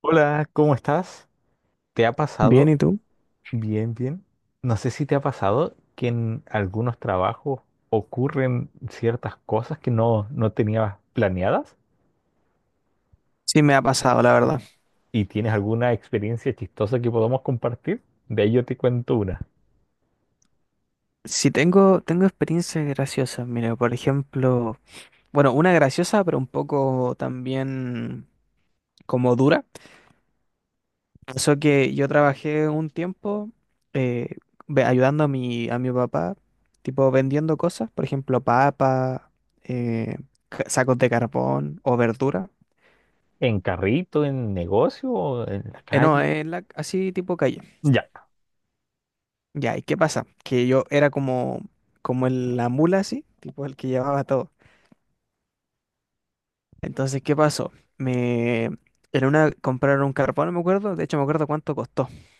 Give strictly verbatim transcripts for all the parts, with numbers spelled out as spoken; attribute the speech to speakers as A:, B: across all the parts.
A: Hola, ¿cómo estás? ¿Te ha
B: Bien,
A: pasado?
B: ¿y tú?
A: Bien, bien. No sé si te ha pasado que en algunos trabajos ocurren ciertas cosas que no, no tenías planeadas
B: Sí, me ha pasado, la verdad.
A: y tienes alguna experiencia chistosa que podamos compartir. De ahí yo te cuento una.
B: Sí, tengo, tengo experiencias graciosas. Mira, por ejemplo, bueno, una graciosa, pero un poco también como dura. Pasó que yo trabajé un tiempo eh, ve- ayudando a mi, a mi papá, tipo vendiendo cosas, por ejemplo, papas, eh, ca- sacos de carbón o verdura.
A: ¿En carrito, en negocio, o en la
B: Eh, no,
A: calle?
B: en la, así tipo calle.
A: Ya,
B: Ya, ¿y qué pasa? Que yo era como, como el- la mula así, tipo el que llevaba todo. Entonces, ¿qué pasó? Me... En una compraron un carbón, no me acuerdo. De hecho, me acuerdo cuánto costó.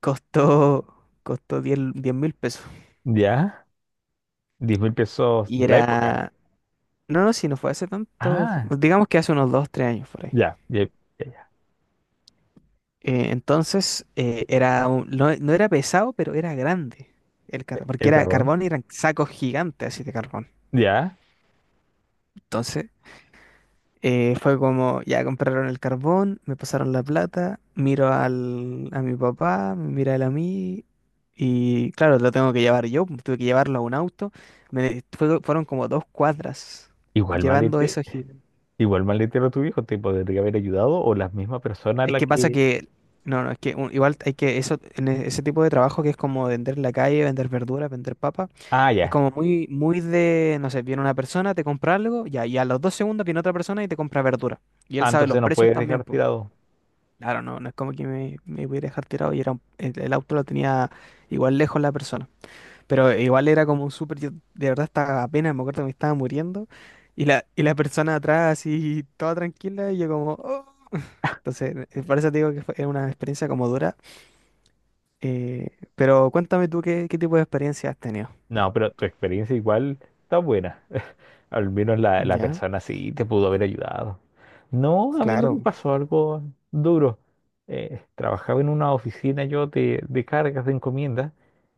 B: Costó, costó diez mil pesos.
A: ya. Diez mil pesos
B: Y
A: de la época.
B: era... No, no, si no fue hace tanto.
A: Ah,
B: Digamos que hace unos dos tres años por ahí.
A: ya, ya, ya, ya.
B: Eh, entonces, eh, era un- no, no era pesado, pero era grande el carbón. Porque
A: El
B: era
A: carbón.
B: carbón y eran sacos gigantes así de carbón.
A: Ya.
B: Entonces, Eh, fue como, ya compraron el carbón, me pasaron la plata, miro al, a mi papá, me mira él a mí, y claro, lo tengo que llevar yo, tuve que llevarlo a un auto. Me, fue- fueron como dos cuadras
A: Igual
B: llevando
A: malete.
B: eso gigante.
A: Igual maletero tu viejo te podría haber ayudado o la misma persona
B: Es
A: la
B: que pasa
A: que.
B: que, no, no, es que un- igual hay que, eso, en e- ese tipo de trabajo que es como vender en la calle, vender verduras, vender papas,
A: Ah,
B: es
A: ya.
B: como muy, muy de, no sé, viene una persona, te compra algo, ya, y a los dos segundos viene otra persona y te compra verdura. Y
A: Ah,
B: él sabe
A: entonces
B: los
A: no
B: precios
A: puedes
B: también,
A: dejar
B: pues.
A: tirado.
B: Claro, no, no es como que me, me pudiera dejar tirado y era un- el, el auto lo tenía igual lejos la persona. Pero igual era como un súper, yo de verdad estaba apenas, me acuerdo que me estaba muriendo y la, y la persona atrás así toda tranquila y yo como, "Oh". Entonces, eh, por eso te digo que fue una experiencia como dura. Eh, pero cuéntame tú qué, qué tipo de experiencia has tenido.
A: No, pero tu experiencia igual está buena. Al menos la, la
B: Ya,
A: persona sí te pudo haber ayudado. No, a mí no
B: claro,
A: me pasó algo duro. Eh, trabajaba en una oficina yo de, de cargas de encomiendas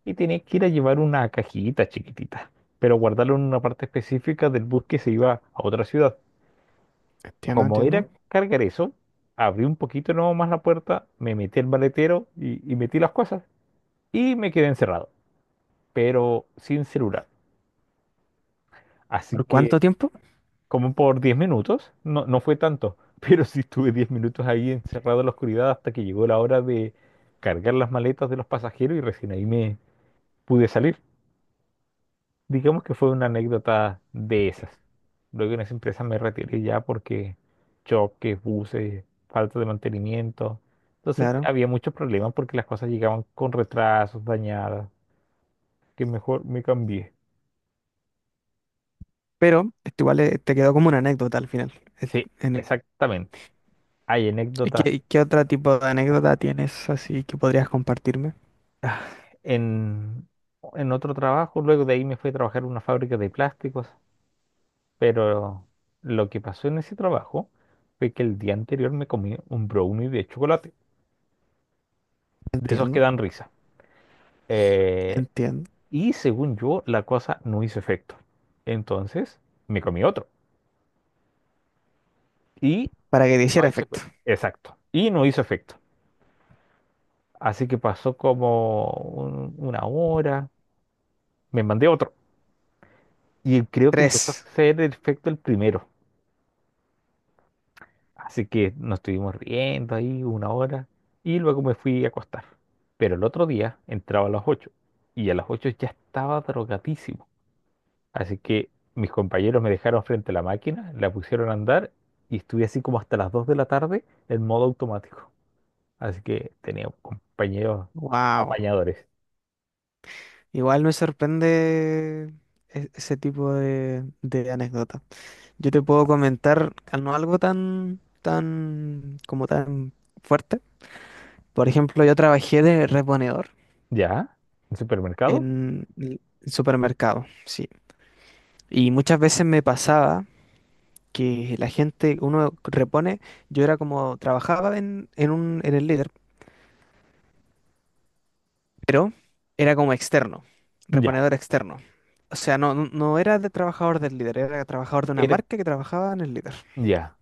A: y tenía que ir a llevar una cajita chiquitita, pero guardarla en una parte específica del bus que se iba a otra ciudad.
B: entiendo,
A: Como
B: entiendo.
A: era cargar eso, abrí un poquito no más la puerta, me metí al maletero y, y metí las cosas y me quedé encerrado, pero sin celular. Así
B: ¿Por cuánto
A: que
B: tiempo?
A: como por diez minutos, no, no fue tanto, pero sí estuve diez minutos ahí encerrado en la oscuridad hasta que llegó la hora de cargar las maletas de los pasajeros y recién ahí me pude salir. Digamos que fue una anécdota de esas. Luego en esa empresa me retiré ya porque choques, buses, falta de mantenimiento. Entonces
B: Claro.
A: había muchos problemas porque las cosas llegaban con retrasos, dañadas, que mejor me cambié.
B: Pero esto igual eh, te quedó como una anécdota al final. Es-
A: Sí,
B: En
A: exactamente. Hay
B: ¿Y
A: anécdotas
B: qué, qué otro tipo de anécdota tienes así que podrías compartirme?
A: en, en otro trabajo. Luego de ahí me fui a trabajar en una fábrica de plásticos. Pero lo que pasó en ese trabajo fue que el día anterior me comí un brownie de chocolate. De esos que
B: Entiendo,
A: dan risa. Eh,
B: entiendo.
A: Y según yo, la cosa no hizo efecto. Entonces, me comí otro. Y
B: Para que te
A: no
B: hiciera
A: hizo
B: efecto.
A: efecto. Exacto. Y no hizo efecto. Así que pasó como un- una hora. Me mandé otro. Y creo que empezó a
B: Tres.
A: hacer el efecto el primero. Así que nos estuvimos riendo ahí una hora. Y luego me fui a acostar. Pero el otro día entraba a las ocho. Y a las ocho ya estaba drogadísimo. Así que mis compañeros me dejaron frente a la máquina, la pusieron a andar y estuve así como hasta las dos de la tarde en modo automático. Así que tenía compañeros
B: Wow.
A: apañadores.
B: Igual me sorprende e- ese tipo de, de anécdota. Yo te puedo comentar al- no algo tan, tan, como tan fuerte. Por ejemplo, yo trabajé de reponedor
A: ¿Ya? ¿En supermercado?
B: en el supermercado, sí. Y muchas veces me pasaba, que la gente, uno repone, yo era como, trabajaba en, en un, en el líder, pero era como externo,
A: Ya.
B: reponedor externo. O sea, no, no no era de trabajador del líder, era trabajador de una
A: Era-
B: marca que trabajaba en el líder.
A: ya.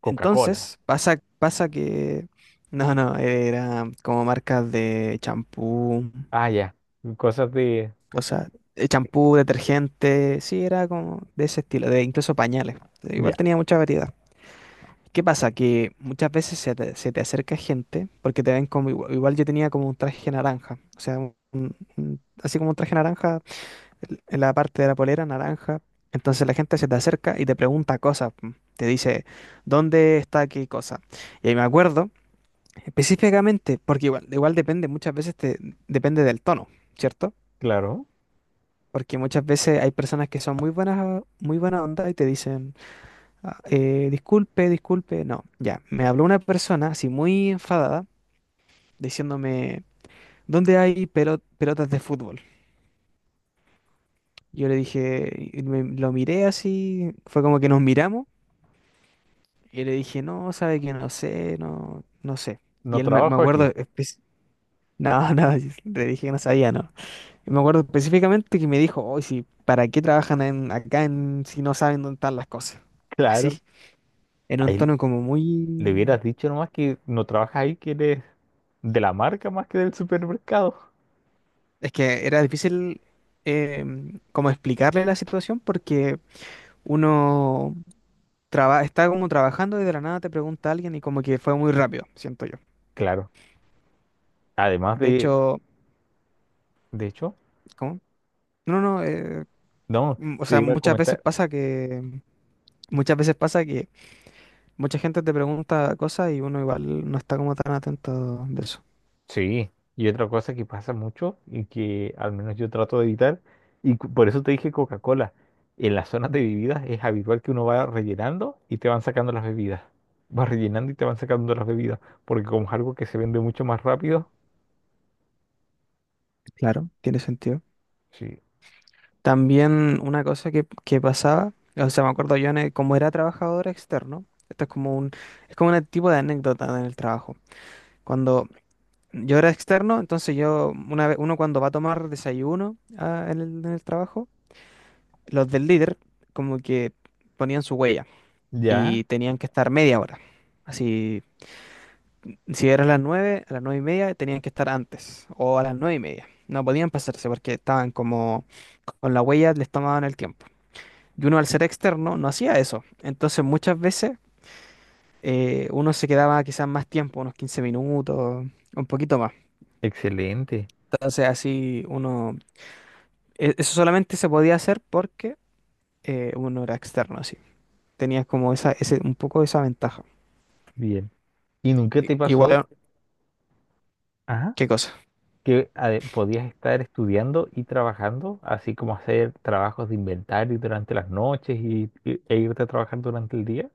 A: Coca-Cola.
B: Entonces, pasa, pasa que, no, no, era como marcas de champú,
A: Ah, ya. Cosas de.
B: cosas, eh, champú, detergente, sí, era como de ese estilo, de incluso pañales. Igual
A: Ya,
B: tenía mucha variedad. ¿Qué pasa? Que muchas veces se te, se te acerca gente porque te ven como igual, igual yo tenía como un traje naranja, o sea, un- un- así como un traje naranja en la parte de la polera naranja. Entonces la gente se te acerca y te pregunta cosas, mm, te dice, ¿dónde está qué cosa? Y ahí me acuerdo específicamente, porque igual, igual depende, muchas veces te, depende del tono, ¿cierto?
A: claro.
B: Porque muchas veces hay personas que son muy buenas, muy buena onda y te dicen, "Ah, eh, disculpe, disculpe." No, ya. Me habló una persona así muy enfadada diciéndome, ¿dónde hay pelo- pelotas de fútbol? Yo le dije, y me- lo miré así, fue como que nos miramos y le dije, no, sabe que no sé, no, no sé.
A: No
B: Y él me, me
A: trabajo
B: acuerdo,
A: aquí.
B: espe- no, no, le dije que no sabía, no. Y me acuerdo específicamente que me dijo, oye, sí, ¿para qué trabajan en- acá en, si no saben dónde están las cosas? Así,
A: Claro.
B: en un
A: Ahí
B: tono como
A: le
B: muy.
A: hubieras dicho nomás que no trabajas ahí, que eres de la marca más que del supermercado.
B: Es que era difícil eh, como explicarle la situación porque uno traba- está como trabajando y de la nada te pregunta a alguien y como que fue muy rápido, siento yo.
A: Claro. Además
B: De
A: de.
B: hecho,
A: De hecho,
B: ¿cómo? No, no, eh,
A: no,
B: mm, o
A: te
B: sea,
A: iba a
B: muchas veces
A: comentar.
B: pasa que muchas veces pasa que mucha gente te pregunta cosas y uno igual no está como tan atento de eso.
A: Sí, y otra cosa que pasa mucho y que al menos yo trato de evitar, y cu- por eso te dije Coca-Cola, en las zonas de bebidas es habitual que uno va rellenando y te van sacando las bebidas. Vas rellenando y te van sacando las bebidas, porque como es algo que se vende mucho más rápido,
B: Claro, tiene sentido.
A: sí.
B: También una cosa que, que pasaba, o sea, me acuerdo yo, en el- como era trabajador externo, esto es como un, es como un tipo de anécdota en el trabajo. Cuando yo era externo, entonces yo, una vez, uno cuando va a tomar desayuno ah, en el, en el trabajo, los del líder como que ponían su huella
A: Ya,
B: y tenían que estar media hora. Así, si era a las nueve, a las nueve y media tenían que estar antes, o a las nueve y media. No podían pasarse porque estaban como con la huella, les tomaban el tiempo. Y uno al ser externo no hacía eso. Entonces muchas veces eh, uno se quedaba quizás más tiempo, unos quince minutos, un poquito más.
A: excelente,
B: Entonces así uno, e- eso solamente se podía hacer porque eh, uno era externo, así. Tenías como esa, ese, un poco esa ventaja.
A: bien. ¿Y nunca
B: I-
A: te pasó,
B: Igual,
A: ajá,
B: ¿qué cosa?
A: que ade- podías estar estudiando y trabajando, así como hacer trabajos de inventario durante las noches y, y- e irte a trabajar durante el día?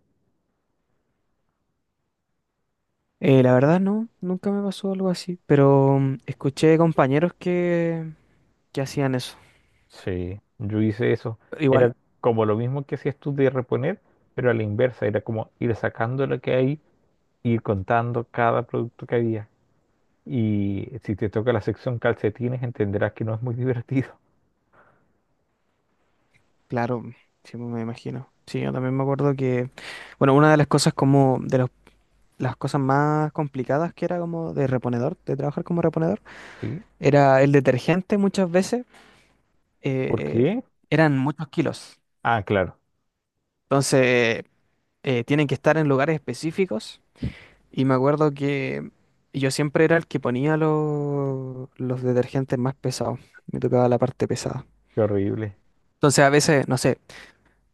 B: Eh, la verdad no, nunca me pasó algo así, pero mm, escuché compañeros que, que hacían eso.
A: Sí, yo hice eso.
B: Igual,
A: Era como lo mismo que hacías tú de reponer, pero a la inversa. Era como ir sacando lo que hay, ir contando cada producto que había. Y si te toca la sección calcetines, entenderás que no es muy divertido.
B: claro, sí me imagino. Sí, yo también me acuerdo que, bueno, una de las cosas como de los las cosas más complicadas que era como de reponedor, de trabajar como reponedor,
A: ¿Sí?
B: era el detergente muchas veces,
A: ¿Por
B: eh,
A: qué?
B: eran muchos kilos.
A: Ah, claro,
B: Entonces, eh, tienen que estar en lugares específicos. Y me acuerdo que yo siempre era el que ponía los, los detergentes más pesados. Me tocaba la parte pesada.
A: qué horrible.
B: Entonces, a veces, no sé,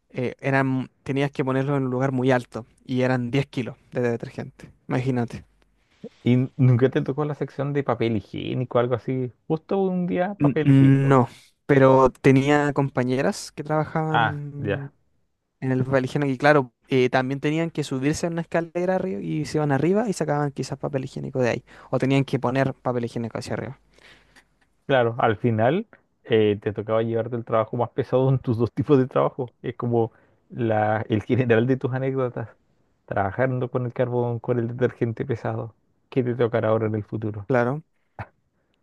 B: eh, eran, tenías que ponerlo en un lugar muy alto y eran diez kilos de detergente. Imagínate.
A: ¿Y nunca te tocó la sección de papel higiénico, algo así? Justo un día
B: N-
A: papel higiénico.
B: No, pero tenía compañeras que
A: Ah, ya.
B: trabajaban en el papel higiénico y claro, eh, también tenían que subirse a una escalera arriba y se iban arriba y sacaban quizás papel higiénico de ahí. O tenían que poner papel higiénico hacia arriba.
A: Claro, al final eh, te tocaba llevarte el trabajo más pesado en tus dos tipos de trabajo. Es como la, el general de tus anécdotas, trabajando con el carbón, con el detergente pesado. ¿Qué te tocará ahora en el futuro?
B: Claro,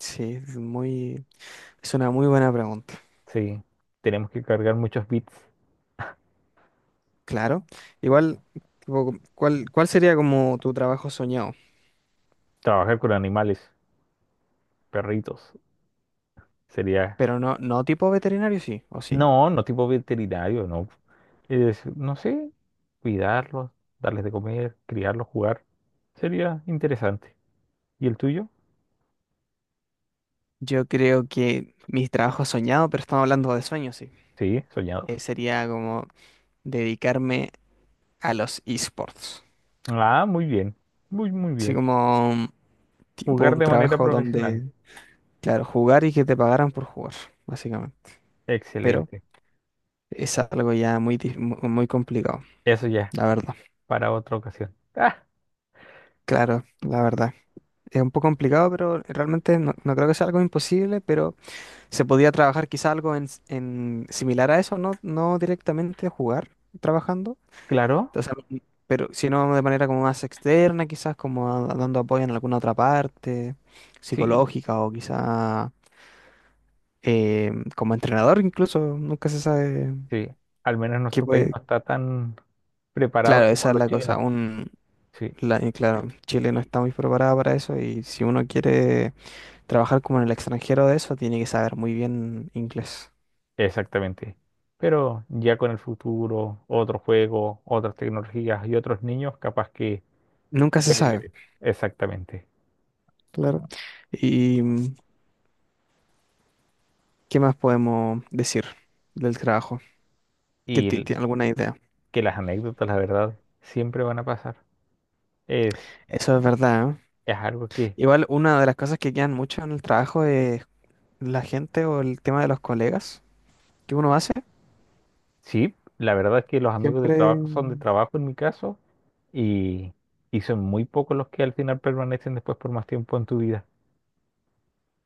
B: sí, es muy, es una muy buena pregunta.
A: Sí, tenemos que cargar muchos bits,
B: Claro, igual, tipo, ¿cuál, cuál sería como tu trabajo soñado?
A: trabajar con animales, perritos. Sería,
B: Pero no, no tipo veterinario, sí, o sí.
A: no, no tipo veterinario, no. Es, no sé, cuidarlos, darles de comer, criarlos, jugar. Sería interesante. ¿Y el tuyo?
B: Yo creo que mis trabajos soñados, pero estamos hablando de sueños, sí.
A: Sí, soñados.
B: Eh, sería como dedicarme a los esports.
A: Ah, muy bien, muy, muy
B: Así
A: bien.
B: como mm, tipo
A: Jugar
B: un
A: de manera
B: trabajo
A: profesional.
B: donde, claro, jugar y que te pagaran por jugar, básicamente. Pero
A: Excelente.
B: es algo ya muy, dif- mu- muy complicado,
A: Eso ya,
B: la verdad.
A: para otra ocasión. Ah,
B: Claro, la verdad. Es un poco complicado, pero realmente no, no creo que sea algo imposible, pero se podía trabajar quizá algo en, s- en similar a eso, no, no directamente jugar trabajando.
A: claro.
B: Entonces, m- pero sino de manera como más externa, quizás como a- dando apoyo en alguna otra parte
A: Sí,
B: psicológica o quizá eh, como entrenador incluso, nunca se sabe
A: sí. Al menos
B: qué
A: nuestro país
B: puede.
A: no está tan preparado
B: Claro,
A: como
B: esa es
A: los
B: la
A: chinos.
B: cosa. Un,
A: Sí,
B: la- y claro, Chile no
A: y-
B: está muy preparada para eso y si uno quiere trabajar como en el extranjero de eso, tiene que saber muy bien inglés.
A: exactamente. Pero ya con el futuro, otro juego, otras tecnologías y otros niños, capaz que se
B: Nunca se
A: pueda llegar a
B: sabe,
A: eso. Exactamente.
B: claro. ¿Y mm, qué más podemos decir del trabajo? ¿Qué
A: Y
B: ti- ti-
A: el-
B: alguna idea?
A: que las anécdotas, la verdad, siempre van a pasar. Es,
B: Eso es verdad, ¿eh?
A: es algo que,
B: Igual una de las cosas que quedan mucho en el trabajo es la gente o el tema de los colegas que uno hace.
A: sí, la verdad es que los amigos de
B: Siempre.
A: trabajo son de trabajo en mi caso. Y, y son muy pocos los que al final permanecen después por más tiempo en tu vida.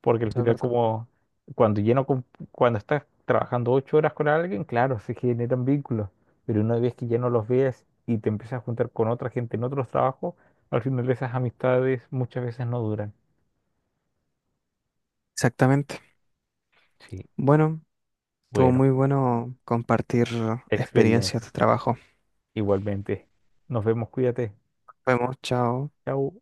A: Porque al
B: Eso es
A: final,
B: verdad.
A: como cuando lleno, con- cuando estás trabajando ocho horas con alguien, claro, se generan vínculos. Pero una vez que ya no los ves y te empiezas a juntar con otra gente en otros trabajos, al final esas amistades muchas veces no duran.
B: Exactamente.
A: Sí,
B: Bueno, estuvo
A: bueno,
B: muy bueno compartir experiencias de
A: experiencia.
B: trabajo.
A: Igualmente. Nos vemos, cuídate.
B: Nos vemos, chao.
A: Chao.